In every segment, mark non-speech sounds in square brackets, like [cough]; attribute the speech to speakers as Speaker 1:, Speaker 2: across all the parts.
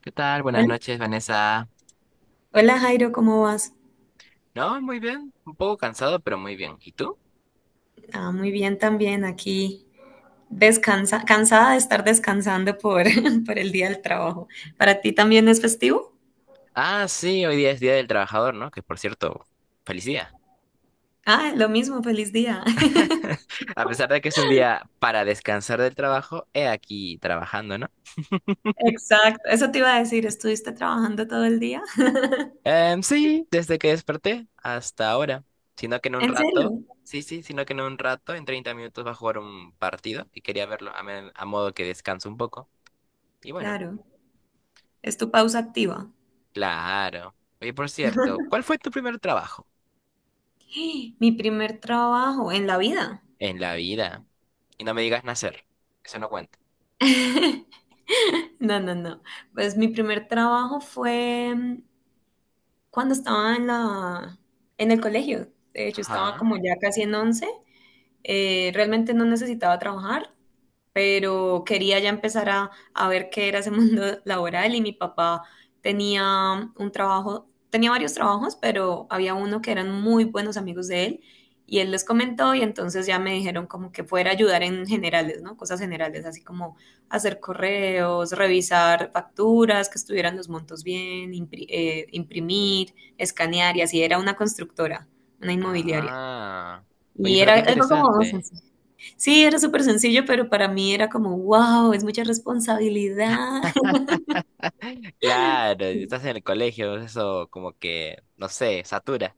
Speaker 1: ¿Qué tal? Buenas
Speaker 2: Hola,
Speaker 1: noches, Vanessa.
Speaker 2: hola, Jairo, ¿cómo vas?
Speaker 1: No, muy bien. Un poco cansado, pero muy bien. ¿Y tú?
Speaker 2: Ah, muy bien también aquí, descansa, cansada de estar descansando por, [laughs] por el día del trabajo. ¿Para ti también es festivo?
Speaker 1: Ah, sí, hoy día es Día del Trabajador, ¿no? Que por cierto, feliz día.
Speaker 2: Ah, lo mismo, feliz día. [laughs]
Speaker 1: [laughs] A pesar de que es un día para descansar del trabajo, he aquí trabajando, ¿no?
Speaker 2: Exacto, eso te iba a decir, ¿estuviste trabajando todo el día? [laughs]
Speaker 1: Sí, desde que desperté hasta ahora. Sino que en un
Speaker 2: ¿En serio?
Speaker 1: rato, Sí, sí, sino que en un rato, en 30 minutos, va a jugar un partido y quería verlo a modo que descanso un poco. Y bueno,
Speaker 2: Claro, es tu pausa activa.
Speaker 1: claro. Oye, por cierto, ¿cuál fue tu primer trabajo?
Speaker 2: [gasps] Mi primer trabajo en la vida.
Speaker 1: En la vida. Y no me digas nacer. Eso no cuenta.
Speaker 2: [laughs] No, no, no. Pues mi primer trabajo fue cuando estaba en el colegio. De hecho, estaba
Speaker 1: Ajá.
Speaker 2: como ya casi en 11. Realmente no necesitaba trabajar, pero quería ya empezar a ver qué era ese [laughs] mundo laboral y mi papá tenía un trabajo, tenía varios trabajos, pero había uno que eran muy buenos amigos de él y él les comentó y entonces ya me dijeron como que fuera a ayudar en generales, ¿no? Cosas generales, así como hacer correos, revisar facturas, que estuvieran los montos bien, imprimir, escanear y así era una constructora, una inmobiliaria.
Speaker 1: Ah. Oye,
Speaker 2: Y
Speaker 1: pero
Speaker 2: era
Speaker 1: qué
Speaker 2: algo como
Speaker 1: interesante.
Speaker 2: docencia. Sí, era súper sencillo, pero para mí era como, wow, es mucha responsabilidad.
Speaker 1: Claro, estás
Speaker 2: [laughs]
Speaker 1: en el colegio, eso como que, no sé, satura.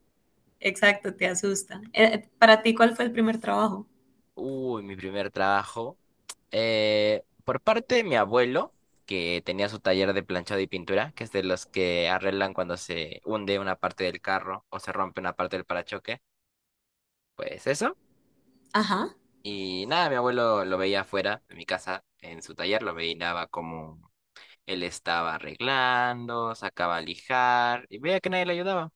Speaker 2: Exacto, te asusta. Para ti, ¿cuál fue el primer trabajo?
Speaker 1: Uy, mi primer trabajo. Por parte de mi abuelo, que tenía su taller de planchado y pintura, que es de los que arreglan cuando se hunde una parte del carro o se rompe una parte del parachoque. Pues eso.
Speaker 2: Ajá,
Speaker 1: Y nada, mi abuelo lo veía afuera de mi casa, en su taller, lo veía como él estaba arreglando, sacaba a lijar y veía que nadie le ayudaba.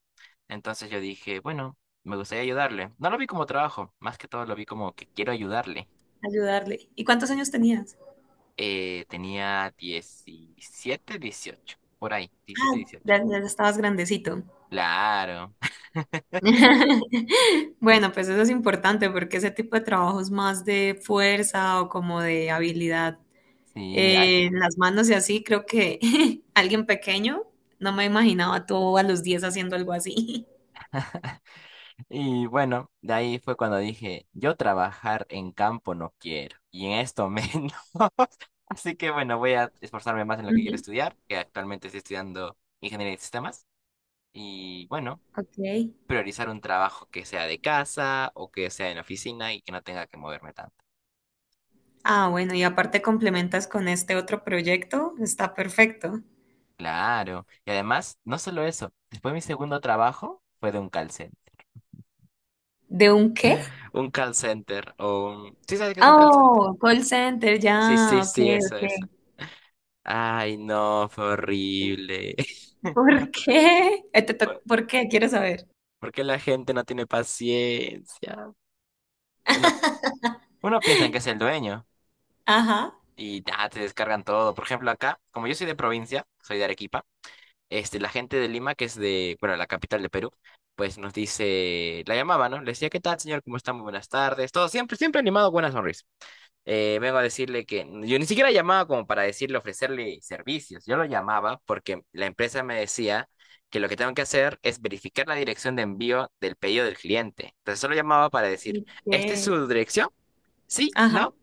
Speaker 1: Entonces yo dije, bueno, me gustaría ayudarle. No lo vi como trabajo, más que todo lo vi como que quiero ayudarle.
Speaker 2: ayudarle. ¿Y cuántos años tenías?
Speaker 1: Tenía 17, 18, por ahí, 17, 18.
Speaker 2: Ya, ya estabas grandecito.
Speaker 1: Claro. [laughs]
Speaker 2: [laughs] Bueno, pues eso es importante porque ese tipo de trabajo es más de fuerza o como de habilidad
Speaker 1: Sí,
Speaker 2: en las manos y así. Creo que [laughs] alguien pequeño, no me imaginaba tú a los 10 haciendo algo así.
Speaker 1: y bueno, de ahí fue cuando dije, yo trabajar en campo no quiero, y en esto menos. [laughs] Así que bueno, voy a esforzarme más en
Speaker 2: [laughs]
Speaker 1: lo que quiero
Speaker 2: Ujú.
Speaker 1: estudiar, que actualmente estoy estudiando ingeniería de sistemas. Y bueno,
Speaker 2: Ok.
Speaker 1: priorizar un trabajo que sea de casa o que sea en oficina y que no tenga que moverme tanto.
Speaker 2: Ah, bueno, y aparte complementas con este otro proyecto, está perfecto.
Speaker 1: Claro. Y además, no solo eso, después mi segundo trabajo fue de un call center.
Speaker 2: ¿De un qué?
Speaker 1: Un call center. ¿Sí sabes qué es un call center?
Speaker 2: Oh, call center, ya,
Speaker 1: Sí, sí,
Speaker 2: ok,
Speaker 1: sí, eso,
Speaker 2: ok.
Speaker 1: eso. Ay, no, fue horrible.
Speaker 2: ¿Por qué? [laughs]
Speaker 1: [laughs] ¿Por
Speaker 2: ¿Por qué? Quiero saber.
Speaker 1: por qué la gente no tiene paciencia? Uno,
Speaker 2: [laughs]
Speaker 1: uno piensa en que es el dueño
Speaker 2: Ajá,
Speaker 1: y ya te descargan todo. Por ejemplo, acá, como yo soy de provincia, soy de Arequipa, este, la gente de Lima, que es de, bueno, la capital de Perú, pues nos dice, la llamaba, ¿no? Le decía, ¿qué tal, señor? ¿Cómo está? Muy buenas tardes. Todo siempre, siempre animado, buena sonrisa. Vengo a decirle que yo ni siquiera llamaba como para decirle, ofrecerle servicios. Yo lo llamaba porque la empresa me decía que lo que tengo que hacer es verificar la dirección de envío del pedido del cliente. Entonces solo llamaba para decir, ¿esta es
Speaker 2: ¿qué?
Speaker 1: su dirección? Sí,
Speaker 2: Ajá,
Speaker 1: no,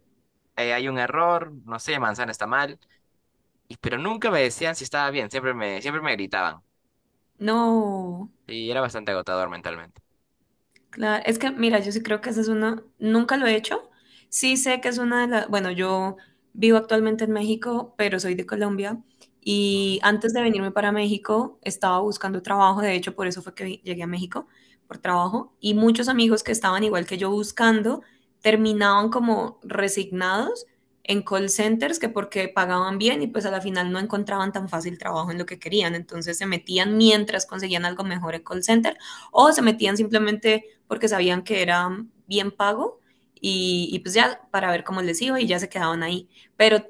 Speaker 1: hay un error, no sé, manzana está mal. Y, pero nunca me decían si estaba bien, siempre me gritaban.
Speaker 2: no.
Speaker 1: Sí, era bastante agotador mentalmente.
Speaker 2: Claro, es que mira, yo sí creo que esa es una, nunca lo he hecho. Sí sé que es una de las, bueno, yo vivo actualmente en México, pero soy de Colombia y
Speaker 1: Ujú.
Speaker 2: antes de venirme para México estaba buscando trabajo, de hecho por eso fue que llegué a México, por trabajo, y muchos amigos que estaban igual que yo buscando terminaban como resignados en call centers que porque pagaban bien y pues a la final no encontraban tan fácil trabajo en lo que querían, entonces se metían mientras conseguían algo mejor en call center o se metían simplemente porque sabían que era bien pago y pues ya para ver cómo les iba y ya se quedaban ahí. Pero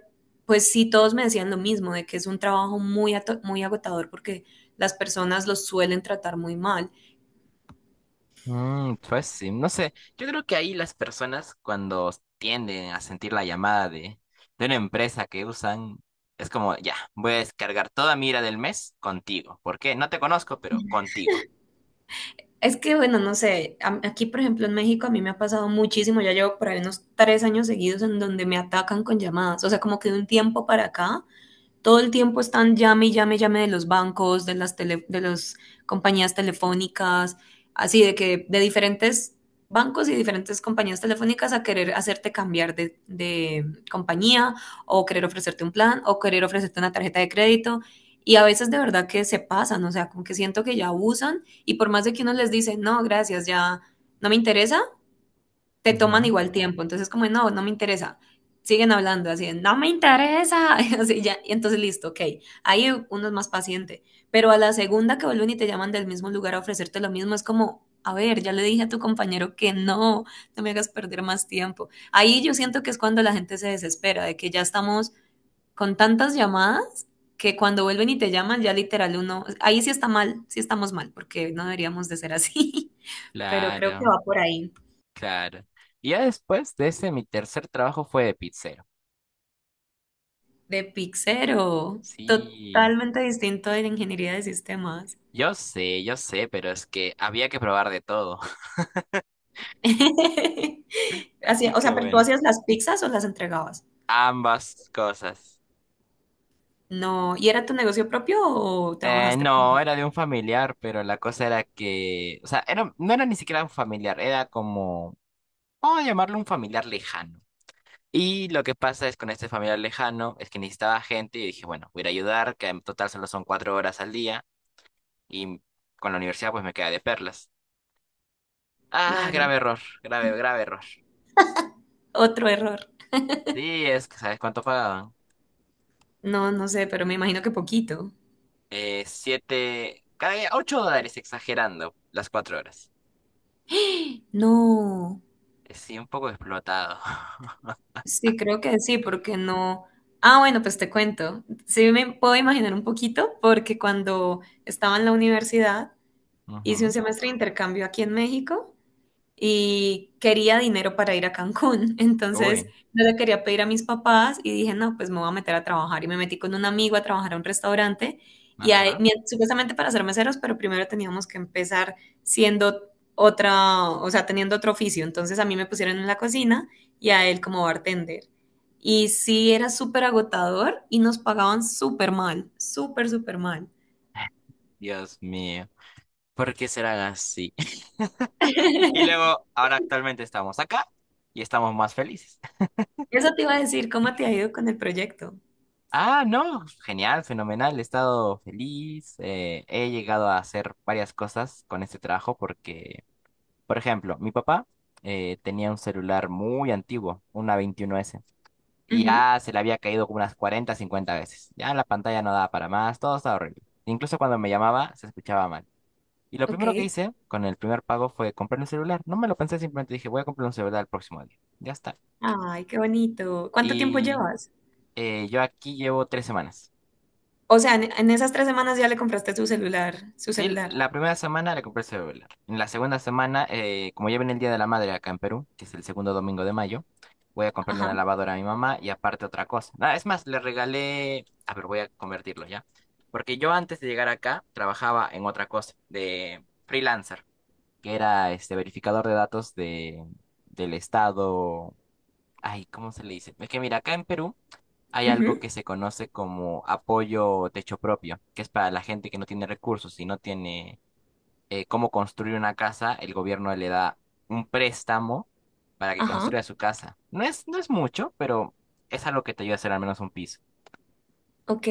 Speaker 2: pues sí, todos me decían lo mismo, de que es un trabajo muy agotador porque las personas los suelen tratar muy mal.
Speaker 1: Mm, pues sí, no sé, yo creo que ahí las personas cuando tienden a sentir la llamada de, una empresa que usan, es como, ya, voy a descargar toda mi ira del mes contigo. ¿Por qué? No te conozco, pero contigo.
Speaker 2: Es que, bueno, no sé, aquí por ejemplo en México a mí me ha pasado muchísimo, ya llevo por ahí unos 3 años seguidos en donde me atacan con llamadas, o sea, como que de un tiempo para acá todo el tiempo están llame y llame y llame de los bancos, de las compañías telefónicas, así de que de diferentes bancos y diferentes compañías telefónicas a querer hacerte cambiar de compañía o querer ofrecerte un plan o querer ofrecerte una tarjeta de crédito. Y a veces de verdad que se pasan, o sea, como que siento que ya abusan y por más de que uno les dice, no, gracias, ya no me interesa, te toman
Speaker 1: Ujú.
Speaker 2: igual tiempo. Entonces, como, no, no me interesa. Siguen hablando así, no me interesa. [laughs] Así ya, y entonces, listo, ok. Ahí uno es más paciente. Pero a la segunda que vuelven y te llaman del mismo lugar a ofrecerte lo mismo, es como, a ver, ya le dije a tu compañero que no, no me hagas perder más tiempo. Ahí yo siento que es cuando la gente se desespera, de que ya estamos con tantas llamadas que cuando vuelven y te llaman, ya literal uno, ahí sí está mal, sí estamos mal, porque no deberíamos de ser así, [laughs] pero creo que
Speaker 1: Claro,
Speaker 2: va por ahí.
Speaker 1: claro. Y ya después de ese, mi tercer trabajo fue de pizzero.
Speaker 2: De Pic Cero,
Speaker 1: Sí,
Speaker 2: totalmente distinto de la ingeniería de sistemas.
Speaker 1: yo sé, pero es que había que probar de todo. [laughs]
Speaker 2: [laughs] Así,
Speaker 1: Así
Speaker 2: o
Speaker 1: que
Speaker 2: sea, pero tú
Speaker 1: bueno,
Speaker 2: hacías las pizzas o las entregabas.
Speaker 1: ambas cosas.
Speaker 2: No, ¿y era tu negocio propio o trabajaste?
Speaker 1: No, era de un familiar, pero la cosa era que, o sea, no era ni siquiera un familiar, era como, vamos a llamarlo un familiar lejano. Y lo que pasa es con este familiar lejano es que necesitaba gente y dije, bueno, voy a ir a ayudar, que en total solo son 4 horas al día y con la universidad pues me queda de perlas. Ah,
Speaker 2: Claro,
Speaker 1: grave error, grave, grave error.
Speaker 2: otro error.
Speaker 1: Sí, es que, ¿sabes cuánto pagaban?
Speaker 2: No, no sé, pero me imagino que poquito.
Speaker 1: Siete, cada día, 8 dólares exagerando las 4 horas.
Speaker 2: [gasps] No,
Speaker 1: Sí, un poco explotado. [laughs]
Speaker 2: sí, creo que sí, porque no. Ah, bueno, pues te cuento. Sí, me puedo imaginar un poquito, porque cuando estaba en la universidad hice un
Speaker 1: Ujú.
Speaker 2: semestre de intercambio aquí en México y quería dinero para ir a Cancún. [laughs] Entonces,
Speaker 1: Uy,
Speaker 2: no le quería pedir a mis papás y dije, no, pues me voy a meter a trabajar. Y me metí con un amigo a trabajar a un restaurante y
Speaker 1: ajá.
Speaker 2: supuestamente para ser meseros, pero primero teníamos que empezar siendo otra, o sea, teniendo otro oficio. Entonces, a mí me pusieron en la cocina y a él como bartender. Y sí, era súper agotador y nos pagaban súper mal, súper, súper mal.
Speaker 1: Dios mío, ¿por qué serán así? [laughs] Y
Speaker 2: [laughs]
Speaker 1: luego, ahora actualmente estamos acá y estamos más felices.
Speaker 2: Eso te iba a decir, ¿cómo te ha ido con el proyecto?
Speaker 1: Ah, no, genial, fenomenal, he estado feliz, he llegado a hacer varias cosas con este trabajo porque, por ejemplo, mi papá tenía un celular muy antiguo, una 21S, y
Speaker 2: Ujú.
Speaker 1: ya se le había caído como unas 40, 50 veces. Ya la pantalla no daba para más, todo estaba horrible. Incluso cuando me llamaba se escuchaba mal. Y lo
Speaker 2: Ok.
Speaker 1: primero que hice con el primer pago fue comprar un celular. No me lo pensé, simplemente dije, voy a comprar un celular el próximo día. Ya está.
Speaker 2: Ay, qué bonito. ¿Cuánto tiempo
Speaker 1: Y
Speaker 2: llevas?
Speaker 1: yo aquí llevo 3 semanas.
Speaker 2: O sea, en esas 3 semanas ya le compraste su celular, su
Speaker 1: Sí,
Speaker 2: celular.
Speaker 1: la primera semana le compré el celular. En la segunda semana, como ya viene el Día de la Madre acá en Perú, que es el segundo domingo de mayo, voy a comprarle
Speaker 2: Ajá.
Speaker 1: una lavadora a mi mamá y aparte otra cosa. Ah, es más, A ver, voy a convertirlo ya. Porque yo antes de llegar acá trabajaba en otra cosa, de freelancer, que era este verificador de datos del estado. Ay, ¿cómo se le dice? Es que mira, acá en Perú hay algo
Speaker 2: Ujú.
Speaker 1: que se conoce como apoyo techo propio, que es para la gente que no tiene recursos y no tiene cómo construir una casa, el gobierno le da un préstamo para que
Speaker 2: Ajá.
Speaker 1: construya su casa. No es mucho, pero es algo que te ayuda a hacer al menos un piso.
Speaker 2: Ok.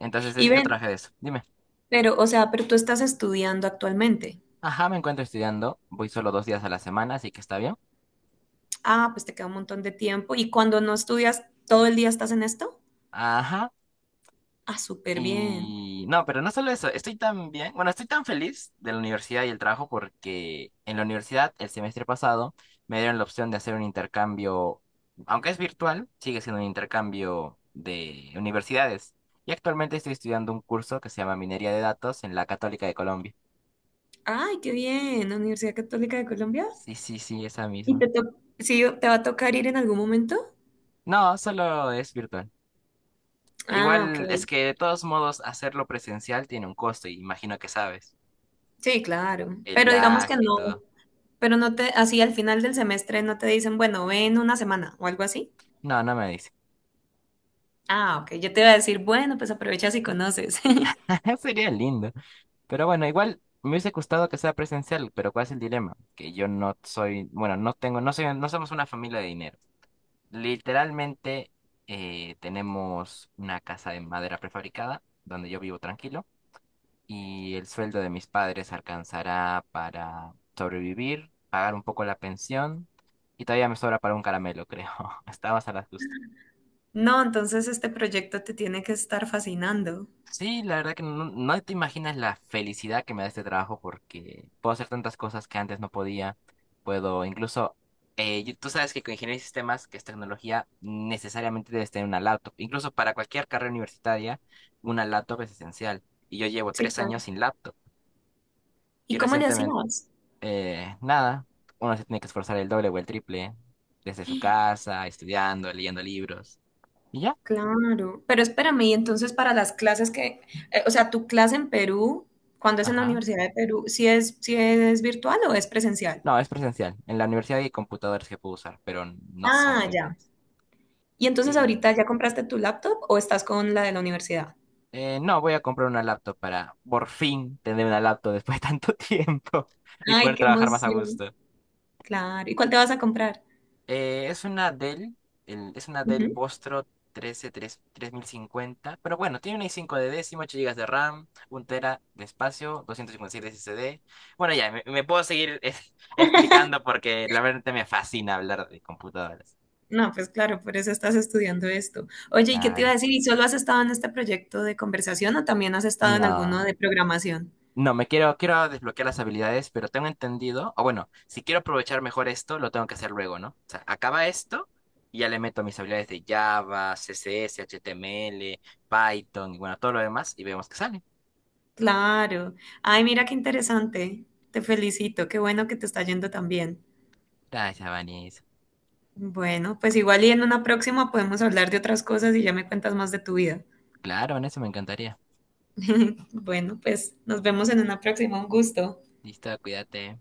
Speaker 1: Entonces, de
Speaker 2: Y
Speaker 1: eso yo
Speaker 2: ven,
Speaker 1: traje de eso. Dime.
Speaker 2: pero, o sea, pero tú estás estudiando actualmente.
Speaker 1: Ajá, me encuentro estudiando. Voy solo 2 días a la semana, así que está bien.
Speaker 2: Ah, pues te queda un montón de tiempo. ¿Y cuando no estudias, todo el día estás en esto?
Speaker 1: Ajá.
Speaker 2: Ah, súper bien.
Speaker 1: Y no, pero no solo eso, estoy tan bien, bueno, estoy tan feliz de la universidad y el trabajo porque en la universidad el semestre pasado me dieron la opción de hacer un intercambio, aunque es virtual, sigue siendo un intercambio de universidades. Y actualmente estoy estudiando un curso que se llama Minería de Datos en la Católica de Colombia.
Speaker 2: Ay, qué bien. Universidad Católica de Colombia.
Speaker 1: Sí, sí, sí, esa
Speaker 2: ¿Y
Speaker 1: misma.
Speaker 2: te to- sí, te va a tocar ir en algún momento?
Speaker 1: No, solo es virtual. E
Speaker 2: Ah, ok.
Speaker 1: igual es que de todos modos hacerlo presencial tiene un costo y imagino que sabes,
Speaker 2: Sí, claro.
Speaker 1: el
Speaker 2: Pero digamos que
Speaker 1: viaje y
Speaker 2: no.
Speaker 1: todo.
Speaker 2: Pero no te, así al final del semestre no te dicen, bueno, ven una semana o algo así.
Speaker 1: No, no me dice.
Speaker 2: Ah, ok, yo te iba a decir, bueno, pues aprovechas y conoces. [laughs]
Speaker 1: [laughs] Sería lindo. Pero bueno, igual me hubiese gustado que sea presencial, pero ¿cuál es el dilema? Que yo no soy, bueno, no tengo, no soy, no somos una familia de dinero. Literalmente tenemos una casa de madera prefabricada donde yo vivo tranquilo y el sueldo de mis padres alcanzará para sobrevivir, pagar un poco la pensión y todavía me sobra para un caramelo, creo. [laughs] Estamos a las justas.
Speaker 2: No, entonces este proyecto te tiene que estar fascinando.
Speaker 1: Sí, la verdad que no, no te imaginas la felicidad que me da este trabajo porque puedo hacer tantas cosas que antes no podía. Puedo incluso, tú sabes que con ingeniería de sistemas, que es tecnología, necesariamente debes tener una laptop. Incluso para cualquier carrera universitaria, una laptop es esencial. Y yo llevo
Speaker 2: Sí,
Speaker 1: tres
Speaker 2: claro.
Speaker 1: años sin laptop. Y
Speaker 2: ¿Y cómo le
Speaker 1: recientemente,
Speaker 2: hacías?
Speaker 1: nada, uno se tiene que esforzar el doble o el triple desde su casa, estudiando, leyendo libros. Y ya,
Speaker 2: Claro, pero espérame, y entonces para las clases que, o sea, tu clase en Perú, cuando es en la
Speaker 1: ajá.
Speaker 2: Universidad de Perú, si es virtual o es presencial?
Speaker 1: No, es presencial. En la universidad hay computadores que puedo usar, pero no son
Speaker 2: Ah,
Speaker 1: muy
Speaker 2: ya.
Speaker 1: buenos.
Speaker 2: ¿Y entonces
Speaker 1: Y
Speaker 2: ahorita ya compraste tu laptop o estás con la de la universidad?
Speaker 1: no, voy a comprar una laptop para por fin tener una laptop después de tanto [laughs] tiempo y
Speaker 2: Ay,
Speaker 1: poder
Speaker 2: qué
Speaker 1: trabajar más a
Speaker 2: emoción.
Speaker 1: gusto.
Speaker 2: Claro. ¿Y cuál te vas a comprar?
Speaker 1: Eh, es una Dell, es una Dell
Speaker 2: Ujú.
Speaker 1: Vostro 13 3050, pero bueno, tiene una i5 de décimo, 8 gigas de RAM, un tera de espacio, 256 de SSD. Bueno, ya, me puedo seguir [laughs] explicando porque la verdad me fascina hablar de computadoras.
Speaker 2: No, pues claro, por eso estás estudiando esto. Oye, ¿y qué te iba a
Speaker 1: Claro.
Speaker 2: decir? ¿Y solo has estado en este proyecto de conversación o también has estado en alguno
Speaker 1: No.
Speaker 2: de programación?
Speaker 1: No, quiero desbloquear las habilidades, pero tengo entendido, o bueno, si quiero aprovechar mejor esto, lo tengo que hacer luego, ¿no? O sea, acaba esto y ya le meto mis habilidades de Java, CSS, HTML, Python y bueno, todo lo demás y vemos qué sale.
Speaker 2: Claro. Ay, mira qué interesante. Te felicito. Qué bueno que te está yendo tan bien.
Speaker 1: Gracias, Vanis.
Speaker 2: Bueno, pues igual y en una próxima podemos hablar de otras cosas y ya me cuentas más de tu vida.
Speaker 1: Claro, en eso me encantaría.
Speaker 2: [laughs] Bueno, pues nos vemos en una próxima. Un gusto.
Speaker 1: Listo, cuídate.